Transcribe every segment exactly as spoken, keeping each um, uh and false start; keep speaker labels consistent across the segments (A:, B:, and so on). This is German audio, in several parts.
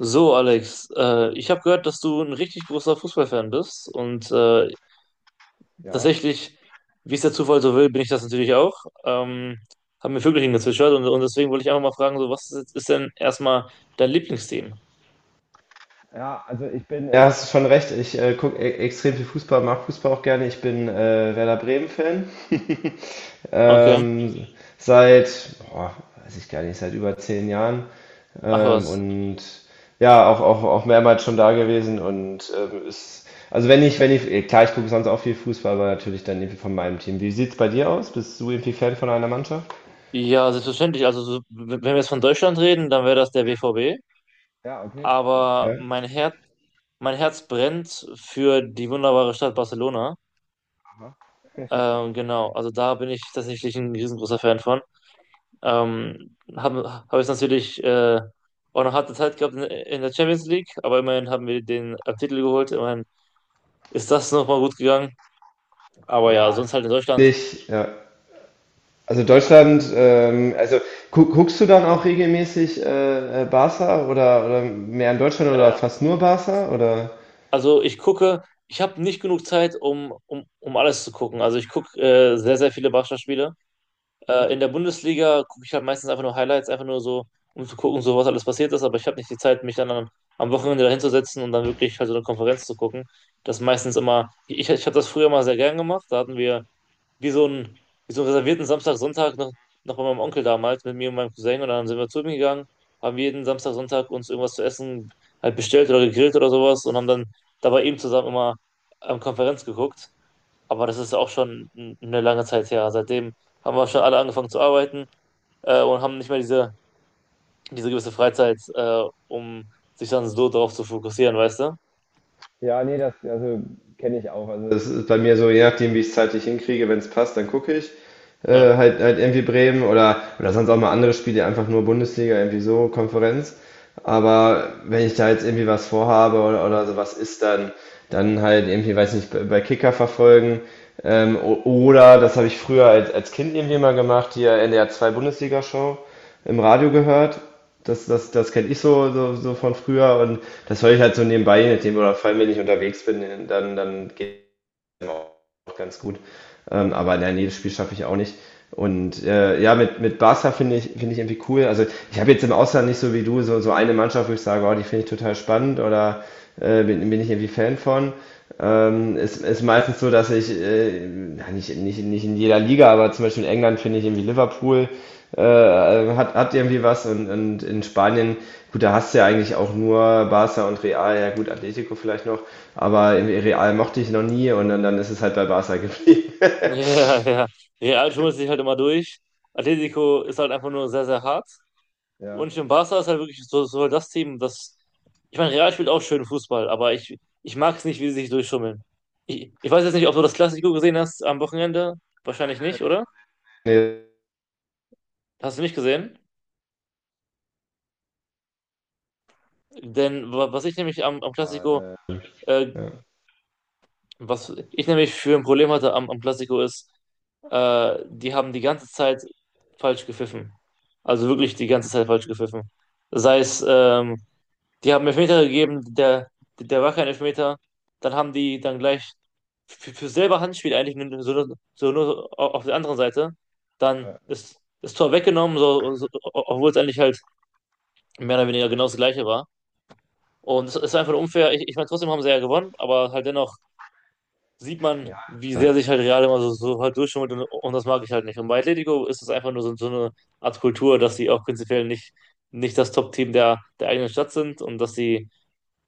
A: So, Alex, äh, ich habe gehört, dass du ein richtig großer Fußballfan bist und äh,
B: Ja,
A: tatsächlich, wie es der Zufall so will, bin ich das natürlich auch. Ähm, Haben mir Vögelchen gezwitschert und, und deswegen wollte ich einfach mal fragen, so was ist, ist denn erstmal dein Lieblingsteam?
B: ja, also ich bin, ja, äh, hast du schon recht. Ich äh, gucke e extrem viel Fußball, mag Fußball auch gerne. Ich bin äh, Werder Bremen-Fan.
A: Okay.
B: Ähm, seit, boah, weiß ich gar nicht, seit über zehn Jahren.
A: Ach
B: Ähm,
A: was.
B: und ja, auch, auch, auch mehrmals schon da gewesen. Und ähm, ist, also wenn ich, wenn ich, eh, klar, ich gucke sonst auch viel Fußball, aber natürlich dann irgendwie von meinem Team. Wie sieht's bei dir aus? Bist du irgendwie Fan von einer Mannschaft?
A: Ja, selbstverständlich. Also so, w- wenn wir jetzt von Deutschland reden, dann wäre das der B V B.
B: Ja, okay, cool.
A: Aber
B: Ja.
A: mein Herz, mein Herz brennt für die wunderbare Stadt Barcelona.
B: Aha.
A: Ähm, genau, also da bin ich tatsächlich ein riesengroßer Fan von. Ähm, habe hab es natürlich äh, auch noch harte Zeit gehabt in, in der Champions League, aber immerhin haben wir den äh, Titel geholt. Immerhin ist das nochmal gut gegangen. Aber ja,
B: Ja,
A: sonst halt in Deutschland.
B: Ich, ja. Also
A: äh,
B: Deutschland, ähm, also gu guckst du dann auch regelmäßig äh, äh, Barca oder, oder mehr in Deutschland
A: Ja,
B: oder
A: ja.
B: fast nur Barca oder?
A: Also ich gucke, ich habe nicht genug Zeit, um, um, um alles zu gucken. Also ich gucke äh, sehr, sehr viele Barca-Spiele. Äh, in der Bundesliga gucke ich halt meistens einfach nur Highlights, einfach nur so, um zu gucken, so was alles passiert ist, aber ich habe nicht die Zeit, mich dann am, am Wochenende dahinzusetzen und dann wirklich halt so eine Konferenz zu gucken. Das ist meistens immer, ich, ich habe das früher mal sehr gern gemacht, da hatten wir wie so einen, wie so einen reservierten Samstag, Sonntag noch, noch bei meinem Onkel damals mit mir und meinem Cousin und dann sind wir zu ihm gegangen, haben jeden Samstag, Sonntag uns irgendwas zu essen halt bestellt oder gegrillt oder sowas und haben dann dabei eben zusammen immer am Konferenz geguckt. Aber das ist auch schon n- eine lange Zeit her. Seitdem haben wir schon alle angefangen zu arbeiten äh, und haben nicht mehr diese, diese gewisse Freizeit, äh, um sich dann so darauf zu fokussieren, weißt du?
B: Ja, nee, das also kenne ich auch. Also das ist bei mir so, je nachdem, wie ich es zeitlich hinkriege, wenn es passt, dann gucke ich
A: Ja.
B: äh, halt halt irgendwie Bremen oder oder sonst auch mal andere Spiele, einfach nur Bundesliga, irgendwie so Konferenz. Aber wenn ich da jetzt irgendwie was vorhabe oder oder sowas ist, dann dann halt irgendwie, weiß nicht, bei bei Kicker verfolgen. Ähm, o- oder, das habe ich früher als, als Kind irgendwie mal gemacht, hier N D R zwei Bundesliga-Show im Radio gehört. Das, das, das kenne ich so, so, so von früher, und das höre ich halt so nebenbei, je nachdem, oder vor allem, wenn ich unterwegs bin, dann, dann geht es auch ganz gut. Ähm, aber nein, jedes Spiel schaffe ich auch nicht. Und äh, ja, mit, mit Barca finde ich, finde ich irgendwie cool. Also ich habe jetzt im Ausland nicht so wie du so, so eine Mannschaft, wo ich sage, oh, die finde ich total spannend, oder äh, bin, bin ich irgendwie Fan von. Ähm, ist, ist meistens so, dass ich, äh, ja, nicht, nicht, nicht in jeder Liga, aber zum Beispiel in England finde ich irgendwie Liverpool. Äh, hat, hat irgendwie was, und und in Spanien, gut, da hast du ja eigentlich auch nur Barca und Real, ja gut, Atletico vielleicht noch, aber irgendwie Real mochte ich noch nie, und dann, dann ist es halt bei Barca geblieben.
A: Ja, ja. Real schummelt sich halt immer durch. Atletico ist halt einfach nur sehr, sehr hart.
B: Ja.
A: Und im Barca ist halt wirklich so, so das Team, das. Ich meine, Real spielt auch schön Fußball, aber ich, ich mag es nicht, wie sie sich durchschummeln. Ich, ich weiß jetzt nicht, ob du das Klassiko gesehen hast am Wochenende. Wahrscheinlich nicht, oder?
B: Nee,
A: Hast du nicht gesehen? Denn wa- was ich nämlich am, am Classico, äh,
B: ja.
A: was ich nämlich für ein Problem hatte am, am Classico ist, äh, die haben die ganze Zeit falsch gepfiffen. Also wirklich die ganze Zeit falsch gepfiffen. Sei es, ähm, die haben Elfmeter gegeben, der, der war kein Elfmeter. Dann haben die dann gleich für, für selber Handspiel eigentlich nur- so, nur- so nur au- auf der anderen Seite. Dann ist das Tor weggenommen, so, so, obwohl es eigentlich halt mehr oder weniger genau das Gleiche war. Und es ist einfach unfair. Ich, ich meine, trotzdem haben sie ja gewonnen, aber halt dennoch sieht man,
B: Ja.
A: wie
B: Ja,
A: sehr sich halt Real immer so, so halt durchschummelt und, und das mag ich halt nicht. Und bei Atletico ist es einfach nur so, so eine Art Kultur, dass sie auch prinzipiell nicht, nicht das Top-Team der, der eigenen Stadt sind und dass sie,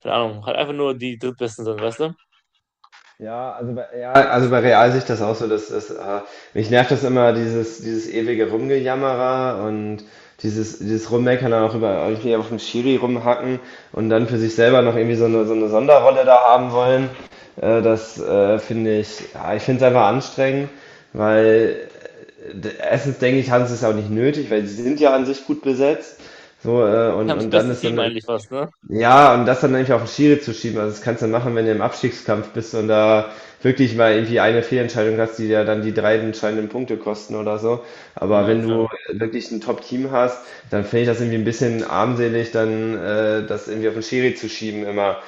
A: keine Ahnung, halt einfach nur die Drittbesten sind, weißt du?
B: ja, also bei, ja, also bei Real sehe ich das auch so, dass das, äh, mich nervt das immer, dieses, dieses ewige Rumgejammerer und dieses, dieses Rummeckern dann auch, über irgendwie auf dem Schiri rumhacken, und dann für sich selber noch irgendwie so eine, so eine Sonderrolle da haben wollen. Äh, das äh, finde ich, ja, Ich finde es einfach anstrengend, weil äh, d- erstens denke ich, haben sie es auch nicht nötig, weil sie sind ja an sich gut besetzt. So, äh,
A: Die
B: und,
A: haben das
B: und dann
A: beste
B: ist
A: Team
B: dann
A: eigentlich fast, ne?
B: ja, und das dann nämlich auf den Schiri zu schieben, also das kannst du machen, wenn du im Abstiegskampf bist und da wirklich mal irgendwie eine Fehlentscheidung hast, die dir dann die drei entscheidenden Punkte kosten oder so. Aber
A: Ja,
B: wenn
A: ja.
B: du wirklich ein Top-Team hast, dann finde ich das irgendwie ein bisschen armselig, dann äh, das irgendwie auf den Schiri zu schieben immer.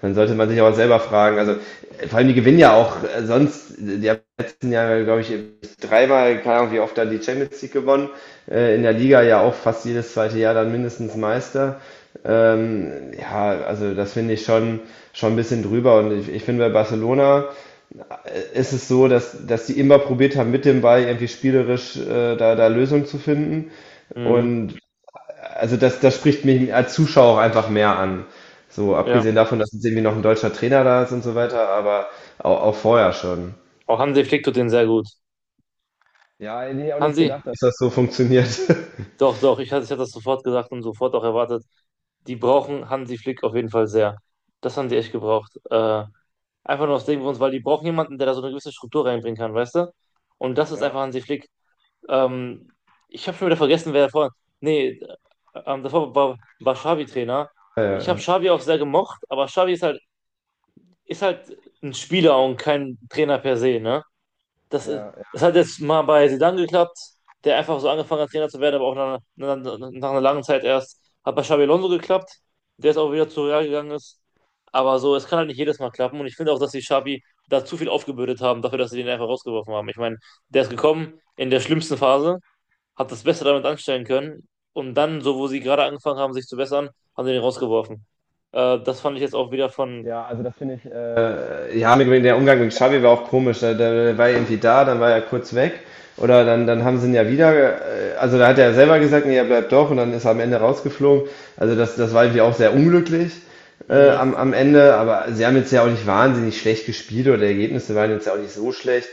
B: Dann sollte man sich auch selber fragen. Also äh, vor allem die gewinnen ja auch äh, sonst, die haben im letzten Jahre, glaube ich, dreimal, keine Ahnung, wie oft dann die Champions League gewonnen. Äh, in der Liga ja auch fast jedes zweite Jahr dann mindestens Meister. Ähm, ja, also das finde ich schon, schon ein bisschen drüber. Und ich, ich finde, bei Barcelona äh, ist es so, dass, dass die immer probiert haben, mit dem Ball irgendwie spielerisch äh, da, da Lösungen zu finden.
A: Mhm.
B: Und also das, das spricht mich als Zuschauer auch einfach mehr an. So,
A: Ja.
B: abgesehen davon, dass jetzt irgendwie noch ein deutscher Trainer da ist und so weiter, aber auch, auch vorher schon.
A: Auch Hansi Flick tut den sehr gut.
B: Ja, hätte ich auch nicht
A: Hansi,
B: gedacht, dass. dass das so funktioniert.
A: doch, doch, ich, hatte- ich hatte das sofort gesagt und sofort auch erwartet. Die brauchen Hansi Flick auf jeden Fall sehr. Das haben die echt gebraucht. Äh, einfach nur aus dem Grund, weil die brauchen jemanden, der da so eine gewisse Struktur reinbringen kann, weißt du? Und das ist
B: Ja,
A: einfach Hansi Flick. Ähm, Ich habe schon wieder vergessen, wer davor. Nee, ähm, davor war, war Xavi Trainer.
B: ja,
A: Ich habe
B: ja.
A: Xavi auch sehr gemocht, aber Xavi ist halt, ist halt ein Spieler und kein Trainer per se, ne? Das, ist-
B: Ja, ja.
A: das hat jetzt mal bei Zidane geklappt, der einfach so angefangen hat, Trainer zu werden, aber auch nach, einer- nach, einer- nach einer langen Zeit erst. Hat bei Xabi Alonso geklappt, der jetzt auch wieder zu Real gegangen ist. Aber so, es kann halt nicht jedes Mal klappen. Und ich finde auch, dass die Xabi da zu viel aufgebürdet haben, dafür, dass sie den einfach rausgeworfen haben. Ich meine, der ist gekommen in der schlimmsten Phase, hat das Beste damit anstellen können. Und dann, so wo sie gerade angefangen haben, sich zu bessern, haben sie den rausgeworfen. Äh, das fand ich jetzt auch wieder von.
B: Ja, also das finde ich, äh, ja, mit, der Umgang mit Xavi war auch komisch. Der, der war irgendwie da, dann war er kurz weg. Oder dann, dann haben sie ihn ja wieder, äh, also da hat er selber gesagt, nee, er bleibt doch, und dann ist er am Ende rausgeflogen. Also das, das war irgendwie auch sehr unglücklich äh,
A: Hm,
B: am, am Ende, aber sie haben jetzt ja auch nicht wahnsinnig schlecht gespielt, oder die Ergebnisse waren jetzt ja auch nicht so schlecht.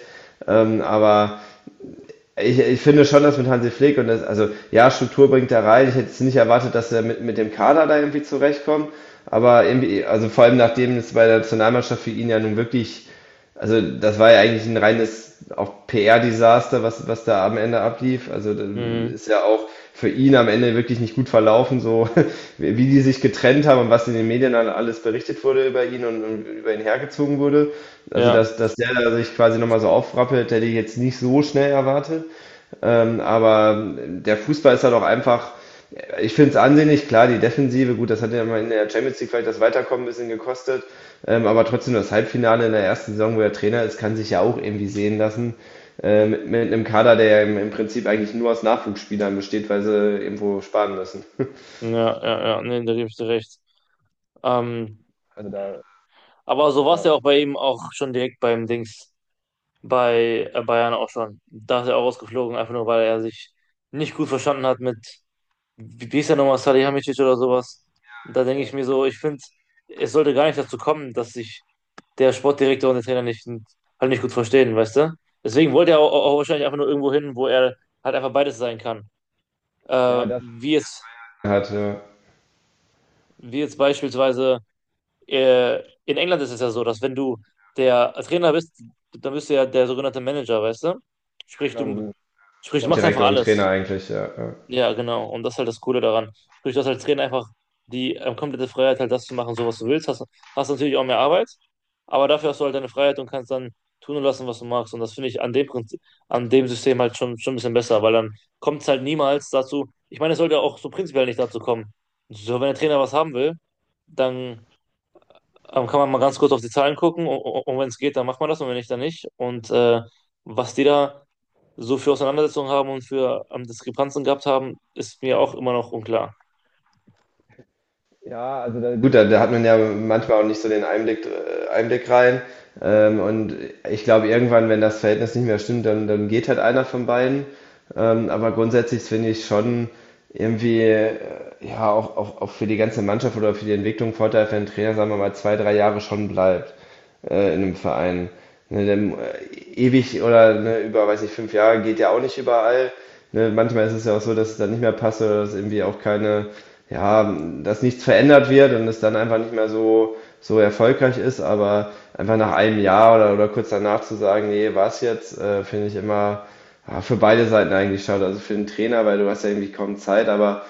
B: Ähm, aber ich, ich finde schon, dass mit Hansi Flick und das, also ja, Struktur bringt er rein. Ich hätte jetzt nicht erwartet, dass er mit, mit dem Kader da irgendwie zurechtkommt. Aber irgendwie, also vor allem nachdem es bei der Nationalmannschaft für ihn ja nun wirklich, also das war ja eigentlich ein reines auch P R-Desaster, was, was da am Ende ablief. Also das
A: hm,
B: ist ja auch für ihn am Ende wirklich nicht gut verlaufen, so wie die sich getrennt haben und was in den Medien dann alles berichtet wurde über ihn, und und über ihn hergezogen wurde. Also
A: ja,
B: dass, dass der da sich quasi nochmal so aufrappelt, hätte ich jetzt nicht so schnell erwartet. Ähm, aber der Fußball ist halt auch einfach, ich finde es ansehnlich, klar, die Defensive, gut, das hat ja mal in der Champions League vielleicht das Weiterkommen ein bisschen gekostet. Ähm, aber trotzdem das Halbfinale in der ersten Saison, wo er Trainer ist, kann sich ja auch irgendwie sehen lassen. Äh, mit, mit einem Kader, der ja im, im Prinzip eigentlich nur aus Nachwuchsspielern besteht, weil sie irgendwo sparen müssen.
A: ja, ja, ja, nee, da gebe ich dir recht. Ähm,
B: Also da,
A: Aber so war es
B: ja,
A: ja auch bei ihm auch schon direkt beim Dings, bei äh, Bayern auch schon. Da ist er auch rausgeflogen, einfach nur weil er sich nicht gut verstanden hat mit, wie wie hieß er nochmal, Salihamidzic oder sowas. Und da denke ich mir so, ich finde, es sollte gar nicht dazu kommen, dass sich der Sportdirektor und der Trainer nicht, halt nicht gut verstehen, weißt du? Deswegen wollte er auch, auch wahrscheinlich einfach nur irgendwo hin, wo er halt einfach beides sein kann. Äh,
B: ja, das
A: Wie jetzt,
B: hat, ja, ja,
A: wie jetzt beispielsweise äh, in England ist es ja so, dass wenn du der Trainer bist, dann bist du ja der sogenannte Manager, weißt du? Sprich,
B: genau, du
A: du,
B: bist
A: Sprich, du machst einfach
B: Sportdirektor und Trainer
A: alles.
B: eigentlich, ja. Ja.
A: Ja, genau. Und das ist halt das Coole daran. Sprich, du hast als Trainer einfach die ähm, komplette Freiheit, halt das zu machen, so was du willst. Hast, hast natürlich auch mehr Arbeit, aber dafür hast du halt deine Freiheit und kannst dann tun und lassen, was du magst. Und das finde ich an dem Prinzip, an dem System halt schon, schon ein bisschen besser, weil dann kommt es halt niemals dazu. Ich meine, es sollte auch so prinzipiell nicht dazu kommen. So, wenn der Trainer was haben will, dann ähm, kann man mal ganz kurz auf die Zahlen gucken und, und wenn es geht, dann macht man das und wenn nicht, dann nicht. Und äh, was die da so für Auseinandersetzungen haben und für ähm, Diskrepanzen gehabt haben, ist mir auch immer noch unklar.
B: Ja, also da, gut, da, da hat man ja manchmal auch nicht so den Einblick, äh, Einblick rein. Ähm, und ich glaube, irgendwann, wenn das Verhältnis nicht mehr stimmt, dann, dann geht halt einer von beiden. Ähm, aber grundsätzlich finde ich schon irgendwie, äh, ja, auch, auch, auch für die ganze Mannschaft oder für die Entwicklung Vorteil, wenn ein Trainer, sagen wir mal, zwei, drei Jahre schon bleibt äh, in einem Verein. Ne, denn, äh, ewig, oder ne, über, weiß nicht, fünf Jahre geht ja auch nicht überall. Ne, manchmal ist es ja auch so, dass es dann nicht mehr passt, oder dass irgendwie auch keine ja, dass nichts verändert wird und es dann einfach nicht mehr so, so erfolgreich ist, aber einfach nach einem Jahr oder, oder kurz danach zu sagen, nee, war's jetzt, äh, finde ich immer, ja, für beide Seiten eigentlich schade. Also für den Trainer, weil du hast ja irgendwie kaum Zeit, aber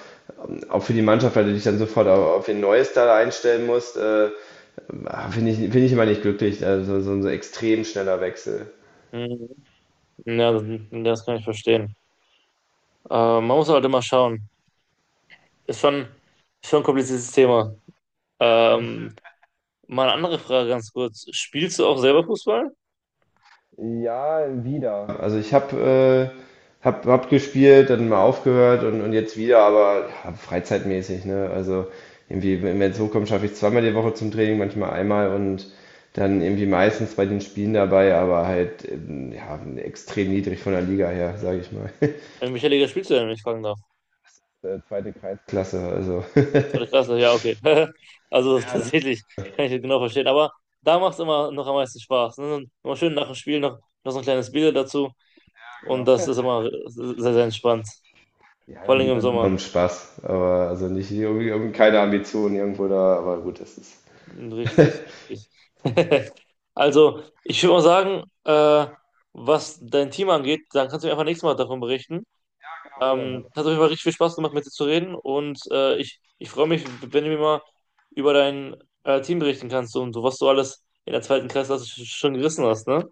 B: auch für die Mannschaft, weil du dich dann sofort auf, auf ein neues da einstellen musst, äh, finde ich, finde ich immer nicht glücklich, also so ein so extrem schneller Wechsel.
A: Mhm. Ja, das, das kann ich verstehen. Ähm, man muss halt immer schauen. Ist schon, ist schon ein kompliziertes Thema. Ähm, Mal eine andere Frage ganz kurz. Spielst du auch selber Fußball?
B: Ja, wieder. Also ich habe äh, hab, hab gespielt, dann mal aufgehört, und und jetzt wieder, aber ja, freizeitmäßig, ne? Also irgendwie, wenn es hochkommt, schaffe ich zweimal die Woche zum Training, manchmal einmal, und dann irgendwie meistens bei den Spielen dabei, aber halt ähm, ja, extrem niedrig von der Liga her, sage ich mal.
A: In welcher Liga spielst du denn, wenn ich fragen darf?
B: Äh, Zweite Kreisklasse, also.
A: Zweite Klasse, ja, okay. Also
B: Ja, da,
A: tatsächlich kann ich das genau verstehen. Aber da macht es immer noch am meisten Spaß. Ne? Immer schön nach dem Spiel noch, noch so ein kleines Bier dazu. Und
B: genau.
A: das ist immer sehr, sehr entspannt.
B: Ja,
A: Vor
B: da
A: allem
B: geht
A: im
B: einfach nur
A: Sommer.
B: um Spaß, aber also nicht irgendwie, irgendwie keine Ambitionen irgendwo da, aber gut, das ist. Ja,
A: Richtig, richtig. Also, ich würde mal sagen, äh, was dein Team angeht, dann kannst du mir einfach nächstes Mal davon berichten.
B: genau, machen wir
A: Ähm,
B: so.
A: hat auf jeden Fall richtig viel Spaß gemacht, mit dir zu reden und äh, ich, ich freue mich, wenn du mir mal über dein äh, Team berichten kannst und so, was du alles in der zweiten Kreisklasse sch- schon gerissen hast, ne?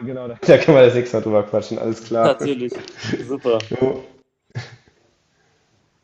B: Ja, genau, da Da kann man das nächste Mal drüber quatschen, alles klar.
A: Natürlich. Super.
B: Jo.